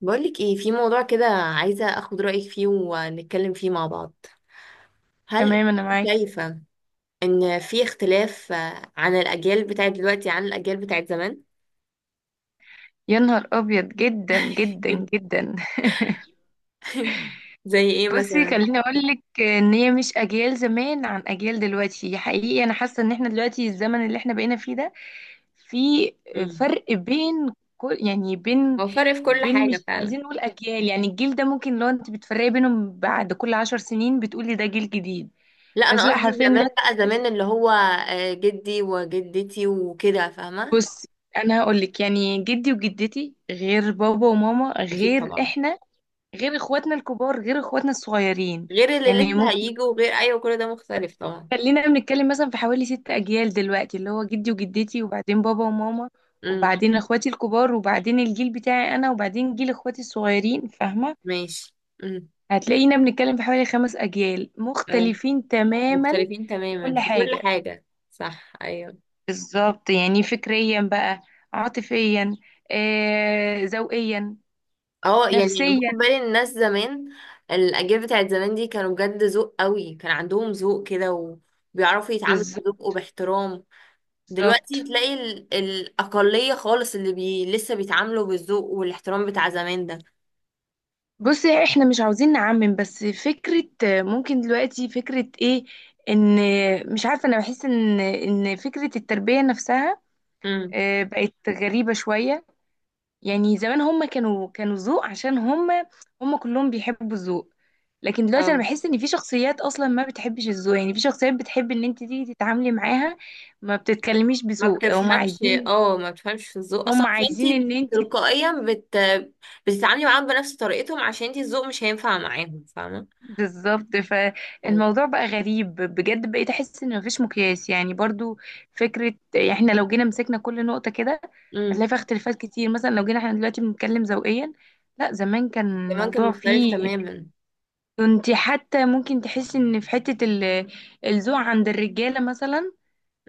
بقولك ايه؟ في موضوع كده عايزة اخد رأيك فيه ونتكلم فيه مع بعض. هل تمام، انا معاك. شايفة ان في اختلاف عن الاجيال بتاعت دلوقتي عن الاجيال بتاعت زمان؟ يا نهار ابيض جدا جدا جدا. زي ايه بصي، مثلا؟ خليني اقول لك ان هي مش اجيال زمان عن اجيال دلوقتي. حقيقي انا حاسه ان احنا دلوقتي الزمن اللي احنا بقينا فيه ده، في مم. فرق بين كل يعني بين هو فرق في كل بين حاجة مش فعلا. عايزين نقول اجيال. يعني الجيل ده ممكن لو انت بتفرقي بينهم بعد كل 10 سنين بتقولي ده جيل جديد. لا، بس انا لا، قصدي حرفيا زمان، دلوقتي بقى زمان اللي هو جدي وجدتي وكده، فاهمة؟ بصي، انا هقول لك يعني جدي وجدتي غير بابا وماما اكيد غير طبعا. احنا، غير اخواتنا الكبار غير اخواتنا الصغيرين. غير اللي يعني لسه ممكن هيجوا، غير، ايوه، كل ده مختلف طبعا. خلينا بنتكلم مثلا في حوالي 6 اجيال دلوقتي، اللي هو جدي وجدتي، وبعدين بابا وماما، امم. وبعدين اخواتي الكبار، وبعدين الجيل بتاعي انا، وبعدين جيل اخواتي الصغيرين. فاهمة؟ ماشي. امم. هتلاقينا بنتكلم في حوالي 5 اجيال اه، مختلفين تماما مختلفين في تماما كل في كل حاجة. حاجة. صح، ايوه. بالظبط. يعني فكريا بقى، عاطفيا، ذوقيا، اه، يعني نفسيا. باخد بالي إن الناس زمان الاجيال بتاعت زمان دي كانوا بجد ذوق قوي، كان عندهم ذوق كده. وبيعرفوا يتعاملوا بالظبط بذوق وباحترام. دلوقتي بالظبط. تلاقي الاقليه خالص اللي لسه بيتعاملوا بالذوق والاحترام بتاع زمان ده. بصي، احنا مش عاوزين نعمم، بس فكرة ممكن دلوقتي فكرة ايه؟ ان مش عارفة، انا بحس ان فكرة التربية نفسها امم. بقت غريبة شوية. يعني زمان هم كانوا ذوق عشان هم، هم كلهم بيحبوا الذوق. لكن دلوقتي انا اه بحس ان في شخصيات اصلا ما بتحبش الذوق. يعني في شخصيات بتحب ان انت تيجي تتعاملي معاها ما بتتكلميش ما بذوق. هم بتفهمش عايزين، اه ما بتفهمش في الذوق اصلا، هم عايزين فانت ان انت تلقائيا بتتعاملي معاهم بنفس طريقتهم، عشان انت الذوق مش هينفع معاهم، فاهمه؟ بالظبط. طيب. فالموضوع بقى غريب بجد. بقيت احس ان مفيش مقياس يعني برضو. فكره يعني احنا لو جينا مسكنا كل نقطه كده امم. هتلاقي فيها اختلافات كتير. مثلا لو جينا احنا دلوقتي بنتكلم ذوقيا، لا زمان كان زمان كان الموضوع مختلف فيه، تماما. كنت حتى ممكن تحس ان في حته الذوق عند الرجاله مثلا.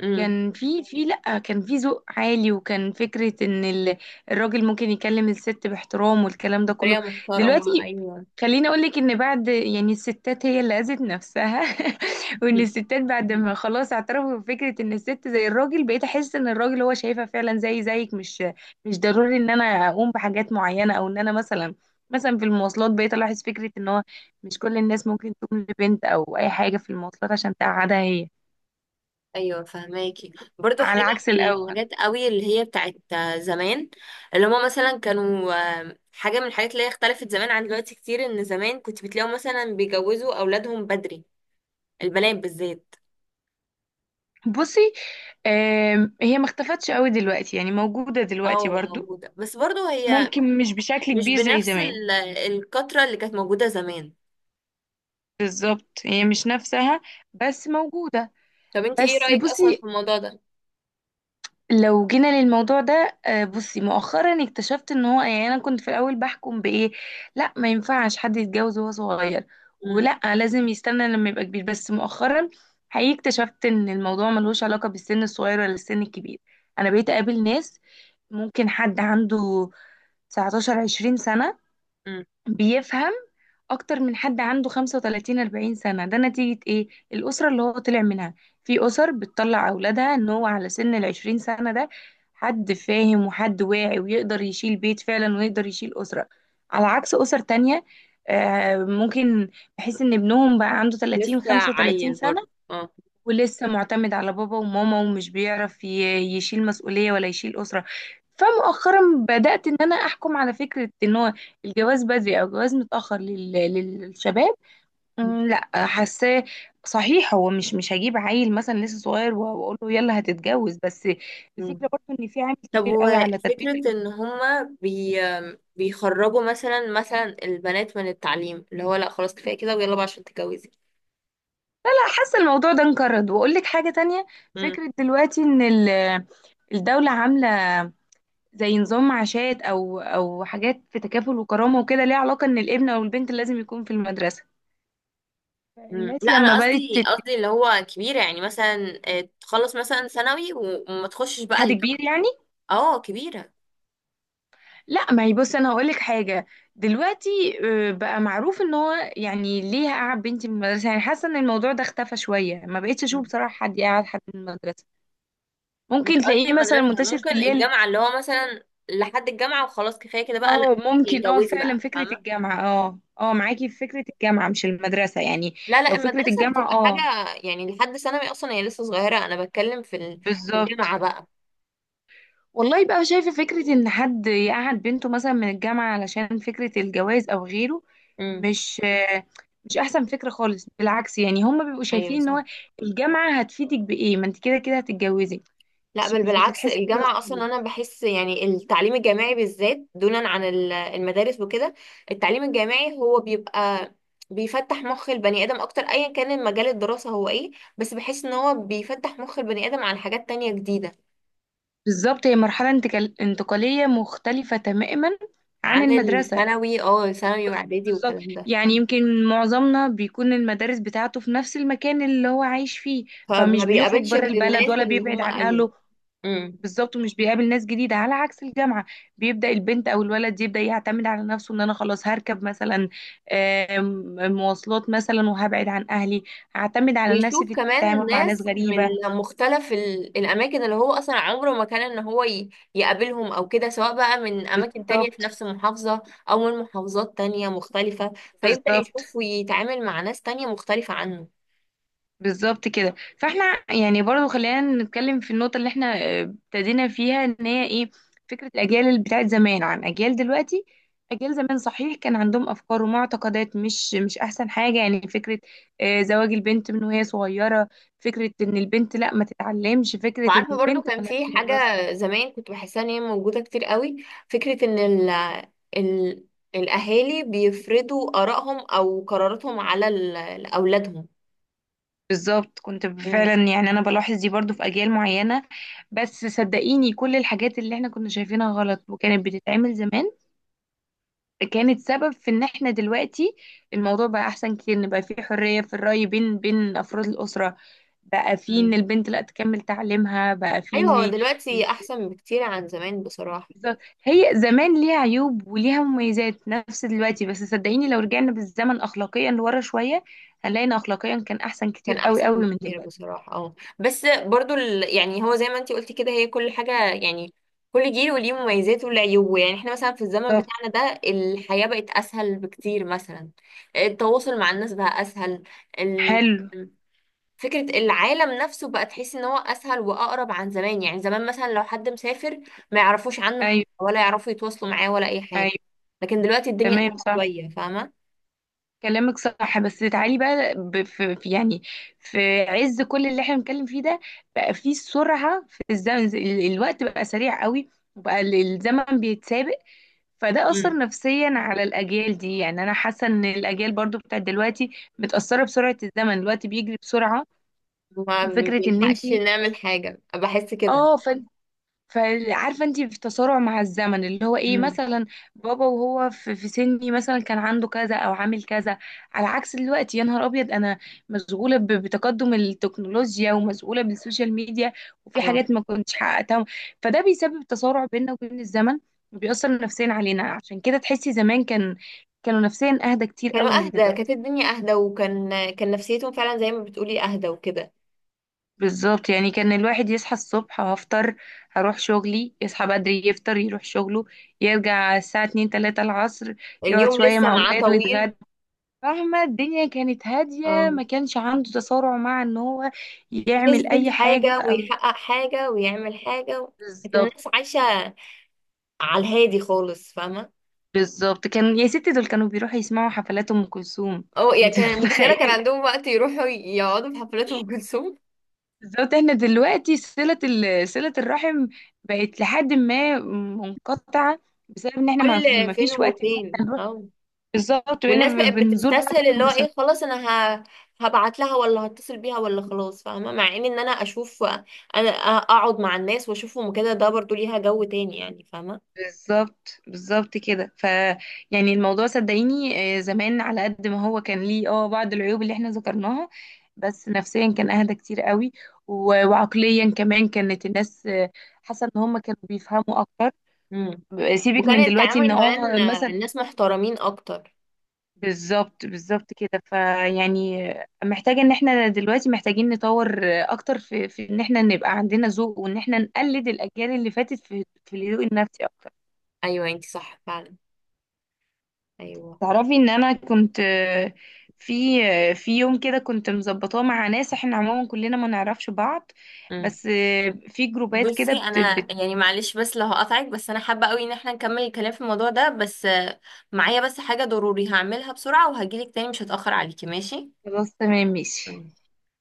امم. كان في لأ، كان في ذوق عالي. وكان فكرة ان الراجل ممكن يكلم الست باحترام والكلام ده كله. بطريقه محترمه، دلوقتي ايوه. خليني اقولك ان بعد يعني الستات هي اللي اذت نفسها. وان الستات بعد ما خلاص اعترفوا بفكرة ان الست زي الراجل، بقيت احس ان الراجل هو شايفها فعلا زي زيك، مش ضروري ان انا اقوم بحاجات معينة. او ان انا مثلا، مثلا في المواصلات، بقيت الاحظ فكرة ان هو مش كل الناس ممكن تقوم لبنت او اي حاجة في المواصلات عشان تقعدها هي، ايوه، فهماكي. برضو على حاجه عكس من الاول. الحاجات قوي اللي هي بتاعت زمان اللي هما مثلا كانوا، حاجه من الحاجات اللي هي اختلفت زمان عن دلوقتي كتير، ان زمان كنت بتلاقيهم مثلا بيجوزوا اولادهم بدري. البنات بالذات. بصي، هي ما اختفتش قوي دلوقتي، يعني موجودة دلوقتي اه، برضو، موجوده، بس برضو هي ممكن مش بشكل مش كبير زي بنفس زمان. الكتره اللي كانت موجوده زمان. بالظبط، هي مش نفسها بس موجودة. طب انت ايه بس رايك اصلا في بصي الموضوع ده؟ لو جينا للموضوع ده، بصي، مؤخرا اكتشفت ان هو يعني، انا كنت في الاول بحكم بايه؟ لا، ما ينفعش حد يتجوز وهو صغير، مم. ولا لازم يستنى لما يبقى كبير. بس مؤخرا حقيقي اكتشفت ان الموضوع ملوش علاقة بالسن الصغير ولا السن الكبير. انا بقيت اقابل ناس ممكن حد عنده 19 20 سنة مم. بيفهم اكتر من حد عنده 35 40 سنة. ده نتيجة ايه؟ الاسرة اللي هو طلع منها. في اسر بتطلع اولادها ان هو على سن ال 20 سنة ده حد فاهم وحد واعي ويقدر يشيل بيت فعلا ويقدر يشيل اسرة. على عكس اسر تانية ممكن بحيث ان ابنهم بقى عنده 30 لسه 35 عيل سنة برضو، اه. ولسه معتمد على بابا وماما ومش بيعرف يشيل مسؤولية ولا يشيل أسرة. فمؤخرا بدأت إن أنا أحكم على فكرة إن هو الجواز بدري أو الجواز متأخر للشباب. لا، حاساه صحيح. هو مش هجيب عيل مثلا لسه صغير واقول له يلا هتتجوز. بس مم. الفكره برضه ان في عامل طب، كبير قوي على تربيه وفكرة الاسره. ان هما بيخرجوا مثلا البنات من التعليم، اللي هو لا خلاص كفاية كده، ويلا بقى عشان تتجوزي؟ لا، حاسه الموضوع ده انقرض. واقول لك حاجه تانية، مم. فكره دلوقتي ان الدوله عامله زي نظام معاشات او حاجات في تكافل وكرامه وكده ليها علاقه ان الابن او البنت لازم يكون في المدرسه. مم. الناس لا، لما انا بدات قصدي قصدي اللي هو كبيرة، يعني مثلا تخلص مثلا ثانوي وما تخشش بقى حد كبير الجامعة. يعني. اه، كبيرة. لا، ما هي بص، انا هقول لك حاجه. دلوقتي بقى معروف ان هو يعني ليه قعد بنتي من المدرسه؟ يعني حاسه ان الموضوع ده اختفى شويه. ما بقتش اشوف مم. بصراحه حد يقعد حد من المدرسه. مش ممكن قصدي تلاقيه مثلا المدرسة. منتشر ممكن في الليل. الجامعة اللي هو مثلا لحد الجامعة وخلاص كفاية كده بقى، لا. اه ممكن، اه اتجوزي فعلا بقى، فكره فاهمة؟ الجامعه، اه اه معاكي في فكره الجامعه مش المدرسه يعني. لا، لا، لو فكره المدرسة الجامعه، بتبقى اه حاجة. يعني لحد ثانوي اصلا هي لسه صغيرة، انا بتكلم في في الجامعة بالظبط. بقى. والله بقى، شايفة فكرة إن حد يقعد بنته مثلا من الجامعة علشان فكرة الجواز أو غيره، امم. مش مش أحسن فكرة خالص. بالعكس يعني، هما بيبقوا ايوه، شايفين إن صح. هو الجامعة هتفيدك بإيه ما أنت كده كده هتتجوزي؟ لا مش بل مش بالعكس، بتتحسي كده الجامعة أصلا خالص. أنا بحس يعني التعليم الجامعي بالذات دونا عن المدارس وكده. التعليم الجامعي هو بيبقى بيفتح مخ البني آدم أكتر، أيا كان مجال الدراسة هو إيه. بس بحس إن هو بيفتح مخ البني آدم عن حاجات تانية جديدة. بالظبط، هي مرحلة انتقالية مختلفة تماما عن عن المدرسة. الثانوي، اه، ثانوي وإعدادي بالظبط. والكلام ده. يعني يمكن معظمنا بيكون المدارس بتاعته في نفس المكان اللي هو عايش فيه، فما فمش بيخرج بيقابلش بره غير البلد الناس ولا اللي بيبعد هم، عن أيوه. أهله. امم. بالظبط، ومش بيقابل ناس جديدة على عكس الجامعة. بيبدأ البنت أو الولد يبدأ يعتمد على نفسه، إن أنا خلاص هركب مثلا مواصلات مثلا، وهبعد عن أهلي. هعتمد على نفسي ويشوف في كمان التعامل مع ناس ناس من غريبة. مختلف الأماكن اللي هو أصلا عمره ما كان إن هو يقابلهم أو كده، سواء بقى من أماكن تانية في بالظبط نفس المحافظة أو من محافظات تانية مختلفة. فيبدأ بالظبط. يشوف ويتعامل مع ناس تانية مختلفة عنه. بالظبط كده. فاحنا يعني برضو خلينا نتكلم في النقطة اللي احنا ابتدينا فيها، ان هي ايه؟ فكرة الأجيال اللي بتاعت زمان عن أجيال دلوقتي. أجيال زمان صحيح كان عندهم أفكار ومعتقدات مش أحسن حاجة. يعني فكرة زواج البنت من وهي صغيرة، فكرة إن البنت لا ما تتعلمش، فكرة إن وعارفة، برضو البنت كان ملهاش في حاجة دراسة. زمان كنت بحسها إن هي موجودة كتير قوي، فكرة إن ال ال الأهالي بيفرضوا آرائهم أو قراراتهم على أولادهم. بالظبط، كنت مم. فعلا يعني أنا بلاحظ دي برضو في أجيال معينة. بس صدقيني كل الحاجات اللي احنا كنا شايفينها غلط وكانت بتتعمل زمان، كانت سبب في ان احنا دلوقتي الموضوع بقى احسن كتير. ان بقى في حرية في الرأي بين افراد الأسرة. بقى في ان مم. البنت لا تكمل تعليمها، بقى في أيوة، ان هو ال- دلوقتي أحسن بكتير عن زمان بصراحة. هي زمان ليها عيوب وليها مميزات نفس دلوقتي. بس صدقيني لو رجعنا بالزمن اخلاقيا لورا شوية، هنلاقي ان اخلاقيا كان احسن كان كتير قوي احسن قوي من بكتير دلوقتي. بصراحه، اه، بس برضو يعني هو زي ما انتي قلتي كده، هي كل حاجه، يعني كل جيل وليه مميزاته وليه عيوبه، يعني احنا مثلا في الزمن بالظبط. بتاعنا ده الحياه بقت اسهل بكتير مثلا. التواصل مع الناس بقى اسهل. ال... حلو. فكره العالم نفسه بقى تحس ان هو اسهل واقرب عن زمان، يعني زمان مثلا لو حد مسافر ما يعرفوش عنه حاجه ايوه، ولا يعرفوا يتواصلوا معاه ولا اي حاجه. ايوه، لكن دلوقتي الدنيا أسهل تمام، صح. شويه، فاهمه. كلامك صح، بس تعالي بقى يعني في عز كل اللي احنا بنتكلم فيه ده، بقى في سرعة في الزمن. الوقت بقى سريع قوي. وبقى الزمن بيتسابق. فده امم. أثر نفسيا على الأجيال دي. يعني أنا حاسة إن الأجيال برضو بتاعت دلوقتي متأثرة بسرعة الزمن. الوقت بيجري بسرعة ما وفكرة إن بنلحقش انتي، نعمل حاجه، بحس كده. اه، فعارفه انت في تسارع مع الزمن اللي هو ايه امم. مثلا؟ بابا وهو في سني مثلا كان عنده كذا او عامل كذا. على عكس دلوقتي، يا نهار ابيض، انا مشغوله بتقدم التكنولوجيا ومشغوله بالسوشيال ميديا، وفي اه، حاجات ما كنتش حققتها. فده بيسبب تسارع بيننا وبين الزمن، وبيأثر نفسيا علينا. عشان كده تحسي زمان كان، كانوا نفسيا اهدى كتير كانوا قوي من اهدى، كانت دلوقتي. الدنيا اهدى، وكان كان نفسيتهم فعلا زي ما بتقولي اهدى وكده. بالظبط، يعني كان الواحد يصحى الصبح هفطر هروح شغلي، يصحى بدري يفطر يروح شغله، يرجع الساعة اتنين تلاتة العصر، يقعد اليوم شوية لسه مع معاه ولاده طويل. يتغدى. فاهمة؟ الدنيا كانت هادية، اه، ما كانش عنده تسارع مع ان هو يعمل يثبت اي حاجة حاجة او ويحقق حاجة ويعمل حاجة. كانت بالظبط. الناس عايشة على الهادي خالص، فاهمة؟ بالظبط، كان يا ستي دول كانوا بيروحوا يسمعوا حفلات ام كلثوم. اه، يعني انت كان متخيلة متخيل؟ كان عندهم وقت يروحوا يقعدوا في حفلات أم كلثوم؟ بالظبط، احنا دلوقتي صلة صلة الرحم بقت لحد ما منقطعة بسبب ان احنا ما كل ما فين فيش وقت. وفين، اه. بالظبط، بقينا والناس بقت بنزور بعض بتستسهل في اللي هو المناسبات. ايه، خلاص انا ه... هبعت لها ولا هتصل بيها ولا خلاص، فاهمه؟ مع ان انا اشوف، انا اقعد مع الناس واشوفهم كده، ده برضو ليها جو تاني يعني، فاهمه. بالظبط بالظبط كده. ف يعني الموضوع صدقيني زمان على قد ما هو كان ليه بعض العيوب اللي احنا ذكرناها، بس نفسيا كان اهدى كتير قوي. وعقليا كمان كانت الناس حاسه ان هم كانوا بيفهموا اكتر. امم. سيبك من وكان دلوقتي التعامل ان كمان مثلا الناس محترمين اكتر. بالظبط. بالظبط كده. فيعني محتاجة ان احنا دلوقتي محتاجين نطور اكتر في، ان احنا نبقى عندنا ذوق، وان احنا نقلد الاجيال اللي فاتت في في الذوق النفسي اكتر. ايوه، انتي صح فعلا. ايوه. تعرفي ان انا كنت في في يوم كده كنت مظبطاه مع ناس احنا عموما كلنا ما نعرفش بعض. امم. بس في جروبات كده بصي، انا يعني معلش بس لو هقطعك، بس انا حابه قوي ان احنا نكمل الكلام في الموضوع ده، بس معايا بس حاجه ضروري هعملها بسرعه وهجيلك تاني، مش هتاخر عليكي، ماشي؟ خلاص تمام ماشي. مم.